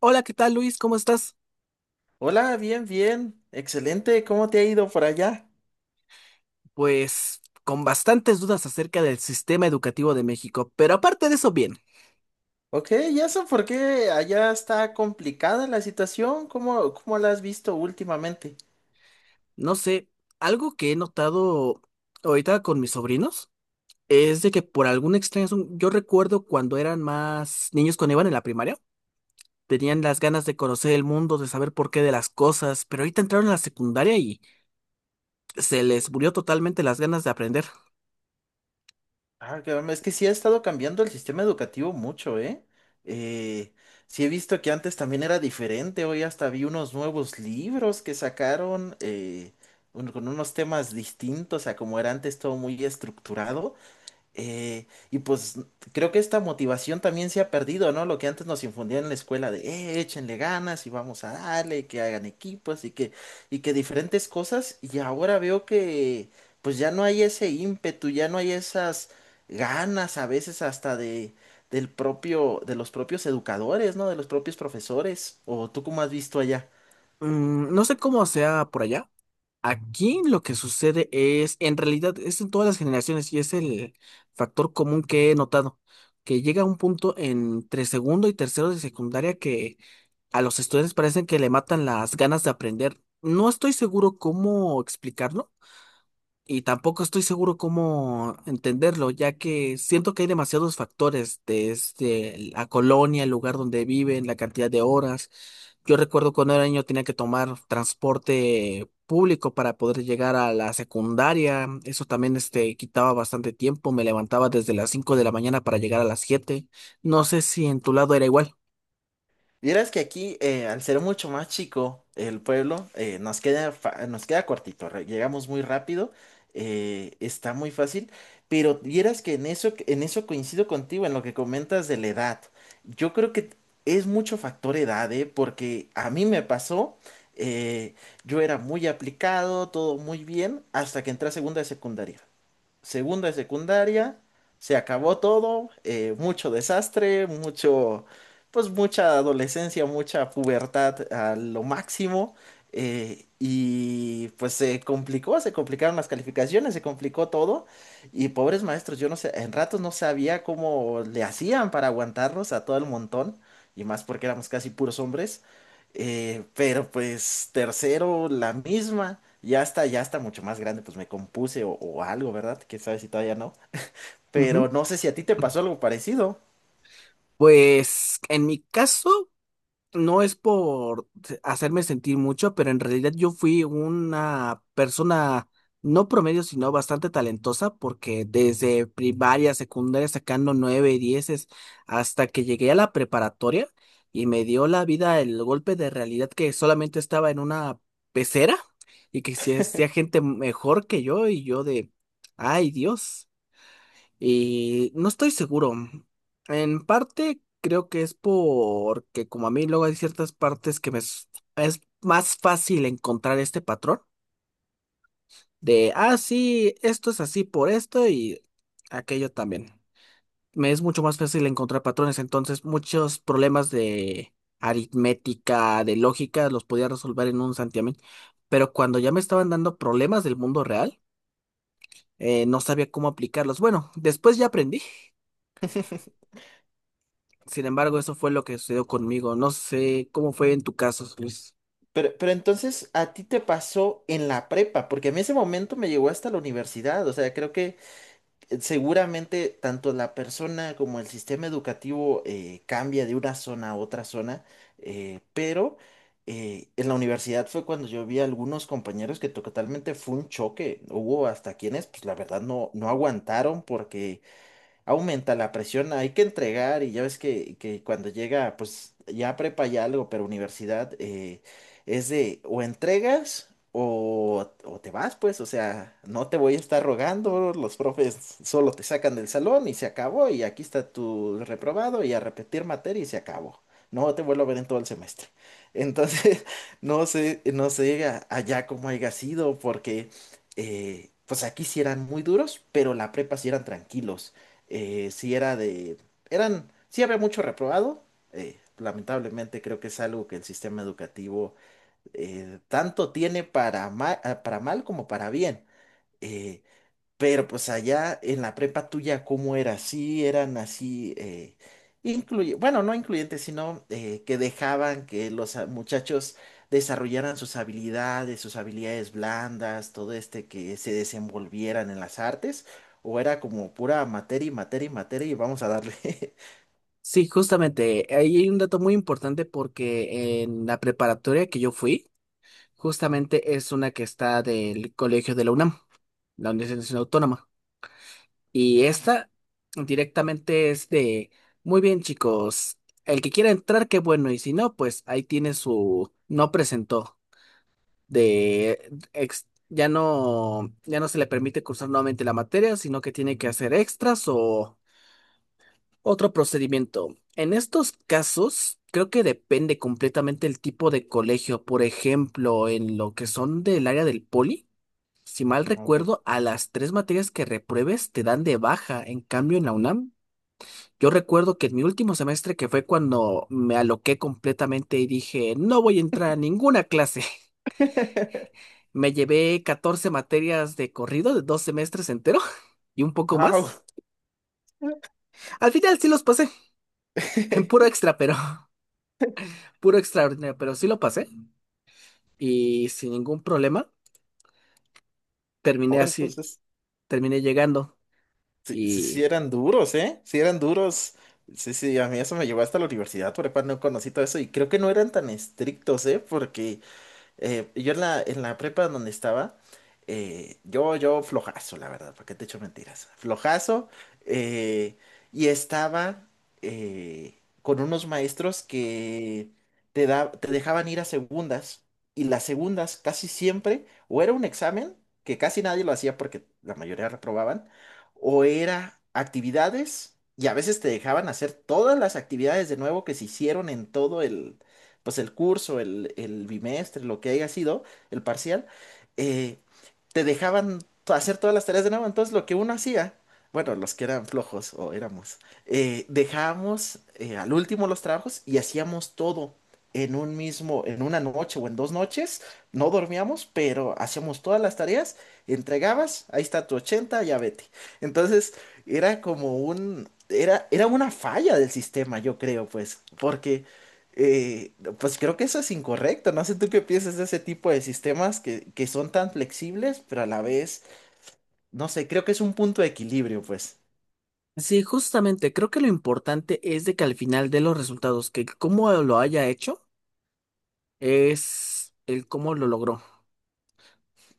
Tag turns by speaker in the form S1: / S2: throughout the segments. S1: Hola, ¿qué tal, Luis? ¿Cómo estás?
S2: Hola, bien, bien. Excelente. ¿Cómo te ha ido por allá?
S1: Pues con bastantes dudas acerca del sistema educativo de México, pero aparte de eso, bien,
S2: Ok, ¿y eso por qué allá está complicada la situación? ¿Cómo la has visto últimamente?
S1: no sé, algo que he notado ahorita con mis sobrinos es de que por alguna extraña razón, yo recuerdo cuando eran más niños cuando iban en la primaria, tenían las ganas de conocer el mundo, de saber por qué de las cosas, pero ahorita entraron a la secundaria y se les murió totalmente las ganas de aprender.
S2: Ah, es que sí ha estado cambiando el sistema educativo mucho, ¿eh? Eh, sí he visto que antes también era diferente. Hoy hasta vi unos nuevos libros que sacaron con unos temas distintos a como era antes todo muy estructurado. Y pues creo que esta motivación también se ha perdido, ¿no? Lo que antes nos infundían en la escuela de, échenle ganas y vamos a darle, y que hagan equipos y que diferentes cosas. Y ahora veo que pues ya no hay ese ímpetu, ya no hay esas ganas a veces hasta del propio, de los propios educadores, ¿no? De los propios profesores. ¿O tú cómo has visto allá?
S1: Mm, no sé cómo sea por allá. Aquí lo que sucede es, en realidad, es en todas las generaciones y es el factor común que he notado, que llega un punto entre segundo y tercero de secundaria que a los estudiantes parecen que le matan las ganas de aprender. No estoy seguro cómo explicarlo, y tampoco estoy seguro cómo entenderlo, ya que siento que hay demasiados factores, desde la colonia, el lugar donde viven, la cantidad de horas. Yo recuerdo cuando era niño tenía que tomar transporte público para poder llegar a la secundaria. Eso también quitaba bastante tiempo. Me levantaba desde las 5 de la mañana para llegar a las 7. No sé si en tu lado era igual.
S2: Vieras que aquí, al ser mucho más chico el pueblo, nos queda, nos queda cortito, llegamos muy rápido, está muy fácil, pero vieras que en eso coincido contigo, en lo que comentas de la edad. Yo creo que es mucho factor edad, ¿eh? Porque a mí me pasó, eh, yo era muy aplicado, todo muy bien, hasta que entré a segunda de secundaria segundo de secundaria, se acabó todo, mucho desastre, mucho, pues mucha adolescencia, mucha pubertad a lo máximo, y pues se complicaron las calificaciones, se complicó todo, y pobres maestros, yo no sé, en ratos no sabía cómo le hacían para aguantarnos a todo el montón, y más porque éramos casi puros hombres. Pero pues tercero, la misma. Ya está mucho más grande, pues me compuse o algo, ¿verdad? Que sabes si todavía no. Pero
S1: Ujú.
S2: no sé si a ti te pasó algo parecido.
S1: Pues en mi caso, no es por hacerme sentir mucho, pero en realidad yo fui una persona no promedio, sino bastante talentosa, porque desde primaria, secundaria, sacando nueve, dieces, hasta que llegué a la preparatoria y me dio la vida el golpe de realidad que solamente estaba en una pecera y que si hacía gente mejor que yo, y yo de, ay Dios. Y no estoy seguro. En parte creo que es porque como a mí luego hay ciertas partes que es más fácil encontrar este patrón de, ah, sí, esto es así por esto y aquello también. Me es mucho más fácil encontrar patrones, entonces muchos problemas de aritmética, de lógica, los podía resolver en un santiamén. Pero cuando ya me estaban dando problemas del mundo real, no sabía cómo aplicarlos. Bueno, después ya aprendí. Sin embargo, eso fue lo que sucedió conmigo. No sé cómo fue en tu caso, Luis.
S2: Pero entonces a ti te pasó en la prepa, porque a mí ese momento me llegó hasta la universidad. O sea, creo que seguramente tanto la persona como el sistema educativo cambia de una zona a otra zona, pero en la universidad fue cuando yo vi a algunos compañeros que totalmente fue un choque. Hubo hasta quienes, pues la verdad, no aguantaron porque aumenta la presión, hay que entregar y ya ves que cuando llega, pues ya prepa ya algo, pero universidad es de o entregas o te vas, pues, o sea, no te voy a estar rogando, los profes solo te sacan del salón y se acabó y aquí está tu reprobado y a repetir materia y se acabó. No te vuelvo a ver en todo el semestre. Entonces, no sé, allá cómo haya sido, porque pues aquí sí eran muy duros, pero la prepa sí eran tranquilos sí era de, sí había mucho reprobado. Lamentablemente creo que es algo que el sistema educativo tanto tiene para para mal como para bien. Eh, pero pues allá en la prepa tuya, ¿cómo era? Sí, eran así, bueno, no incluyentes, sino que dejaban que los muchachos desarrollaran sus habilidades blandas, todo este, que se desenvolvieran en las artes, o era como pura materia y materia y materia y vamos a darle.
S1: Sí, justamente, ahí hay un dato muy importante porque en la preparatoria que yo fui, justamente es una que está del colegio de la UNAM, la Universidad Nacional Autónoma. Y esta directamente es de, muy bien chicos, el que quiera entrar, qué bueno, y si no, pues ahí tiene su no presentó. Ya no, ya no se le permite cursar nuevamente la materia, sino que tiene que hacer extras o otro procedimiento. En estos casos, creo que depende completamente el tipo de colegio. Por ejemplo, en lo que son del área del poli, si mal
S2: Ah, ok.
S1: recuerdo, a las tres materias que repruebes te dan de baja. En cambio, en la UNAM, yo recuerdo que en mi último semestre, que fue cuando me aloqué completamente y dije, no voy a entrar a ninguna clase. Me llevé 14 materias de corrido de 2 semestres entero y un poco
S2: Ah,
S1: más.
S2: ok.
S1: Al final sí los pasé, en puro extra, pero puro extraordinario, pero sí lo pasé y sin ningún problema
S2: Oh,
S1: terminé así,
S2: entonces.
S1: terminé llegando.
S2: Sí, sí, sí
S1: Y
S2: eran duros, ¿eh? Sí eran duros. Sí, sí, a mí eso me llevó hasta la universidad, por no conocí todo eso y creo que no eran tan estrictos, ¿eh? Porque yo en la prepa donde estaba, yo flojazo, la verdad, ¿para qué te echo mentiras? Flojazo, eh, y estaba con unos maestros que te dejaban ir a segundas, y las segundas casi siempre, o era un examen, que casi nadie lo hacía porque la mayoría reprobaban, o era actividades, y a veces te dejaban hacer todas las actividades de nuevo que se hicieron en todo pues el curso, el bimestre, lo que haya sido, el parcial, eh, te dejaban hacer todas las tareas de nuevo. Entonces lo que uno hacía, bueno, los que eran flojos o éramos, dejábamos al último los trabajos y hacíamos todo en en una noche o en dos noches. No dormíamos, pero hacíamos todas las tareas, entregabas, ahí está tu 80, ya vete. Entonces era como un... era una falla del sistema, yo creo, pues, porque eh, pues creo que eso es incorrecto. No sé tú qué piensas de ese tipo de sistemas que son tan flexibles, pero a la vez, no sé, creo que es un punto de equilibrio, pues.
S1: sí, justamente creo que lo importante es de que al final de los resultados, que cómo lo haya hecho es el cómo lo logró.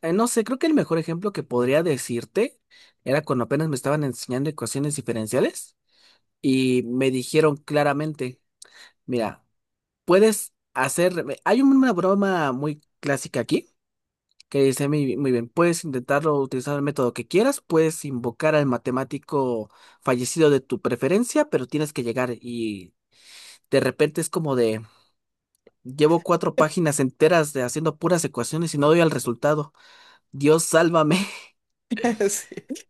S1: No sé, creo que el mejor ejemplo que podría decirte era cuando apenas me estaban enseñando ecuaciones diferenciales y me dijeron claramente, mira, puedes hacer. Hay una broma muy clásica aquí que dice muy, muy bien: puedes intentarlo utilizando el método que quieras, puedes invocar al matemático fallecido de tu preferencia, pero tienes que llegar y de repente es como de. Llevo cuatro páginas enteras de haciendo puras ecuaciones y no doy al resultado. Dios, sálvame.
S2: Sí.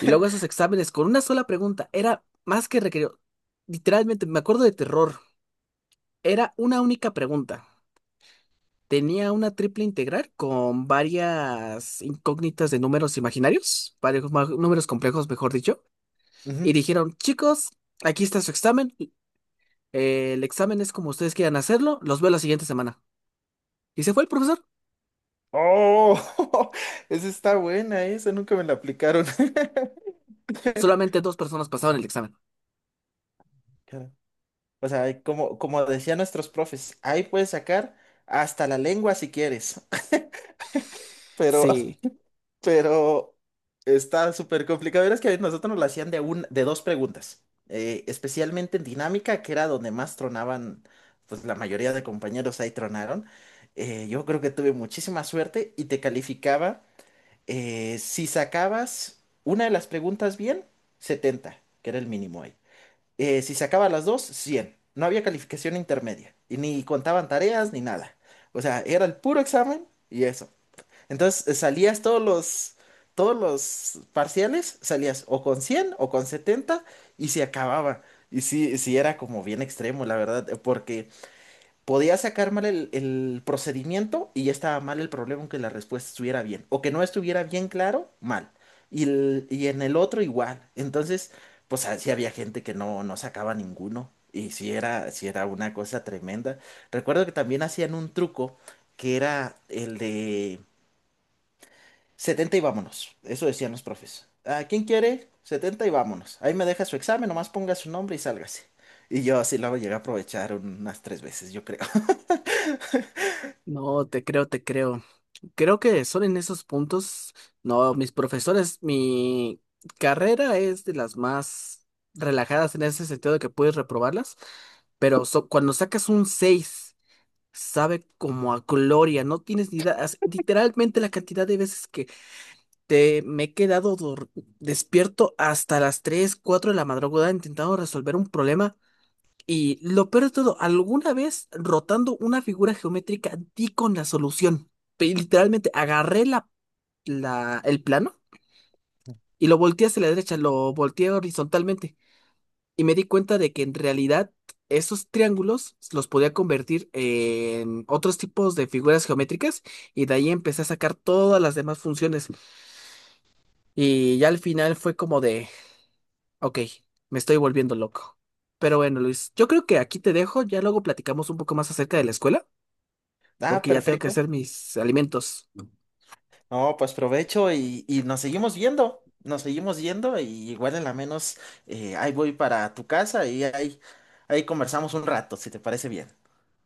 S1: Y luego esos exámenes con una sola pregunta. Era más que requerido. Literalmente, me acuerdo de terror. Era una única pregunta. Tenía una triple integral con varias incógnitas de números imaginarios, varios números complejos, mejor dicho,
S2: Ujú.
S1: y dijeron, chicos, aquí está su examen, el examen es como ustedes quieran hacerlo, los veo la siguiente semana. Y se fue el profesor,
S2: Oh, esa está buena, esa nunca me la aplicaron.
S1: solamente dos personas pasaban el examen.
S2: Claro. O sea, como decían nuestros profes, ahí puedes sacar hasta la lengua si quieres. Pero
S1: Sí,
S2: Pero está súper complicado. Verás que a nosotros nos la hacían de dos preguntas, especialmente en dinámica, que era donde más tronaban, pues la mayoría de compañeros ahí tronaron. Yo creo que tuve muchísima suerte y te calificaba, si sacabas una de las preguntas bien, 70 que era el mínimo ahí. Si sacabas las dos, 100. No había calificación intermedia y ni contaban tareas ni nada. O sea, era el puro examen y eso. Entonces salías todos los parciales, salías o con 100 o con 70 y se acababa. Y sí, sí era como bien extremo, la verdad, porque podía sacar mal el procedimiento y ya estaba mal el problema aunque la respuesta estuviera bien. O que no estuviera bien claro, mal. Y, y en el otro igual. Entonces, pues así había gente que no sacaba ninguno. Y sí era una cosa tremenda. Recuerdo que también hacían un truco que era el de 70 y vámonos. Eso decían los profes. ¿A quién quiere? 70 y vámonos. Ahí me deja su examen, nomás ponga su nombre y sálgase. Y yo así lo llegué a aprovechar unas tres veces, yo creo.
S1: no, te creo, te creo. Creo que son en esos puntos, no, mis profesores, mi carrera es de las más relajadas en ese sentido de que puedes reprobarlas, pero cuando sacas un 6 sabe como a gloria, no tienes ni idea. Literalmente la cantidad de veces que te me he quedado despierto hasta las 3 4 de la madrugada intentando resolver un problema. Y lo peor de todo, alguna vez rotando una figura geométrica di con la solución. Literalmente agarré el plano y lo volteé hacia la derecha, lo volteé horizontalmente. Y me di cuenta de que en realidad esos triángulos los podía convertir en otros tipos de figuras geométricas y de ahí empecé a sacar todas las demás funciones. Y ya al final fue como de, ok, me estoy volviendo loco. Pero bueno, Luis, yo creo que aquí te dejo, ya luego platicamos un poco más acerca de la escuela,
S2: Ah,
S1: porque ya tengo que
S2: perfecto.
S1: hacer mis alimentos.
S2: No, pues provecho y nos seguimos viendo. Nos seguimos yendo y igual en la menos ahí voy para tu casa y ahí, ahí conversamos un rato, si te parece bien.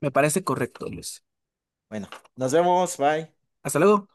S1: Me parece correcto, Luis.
S2: Bueno, nos vemos, bye.
S1: Hasta luego.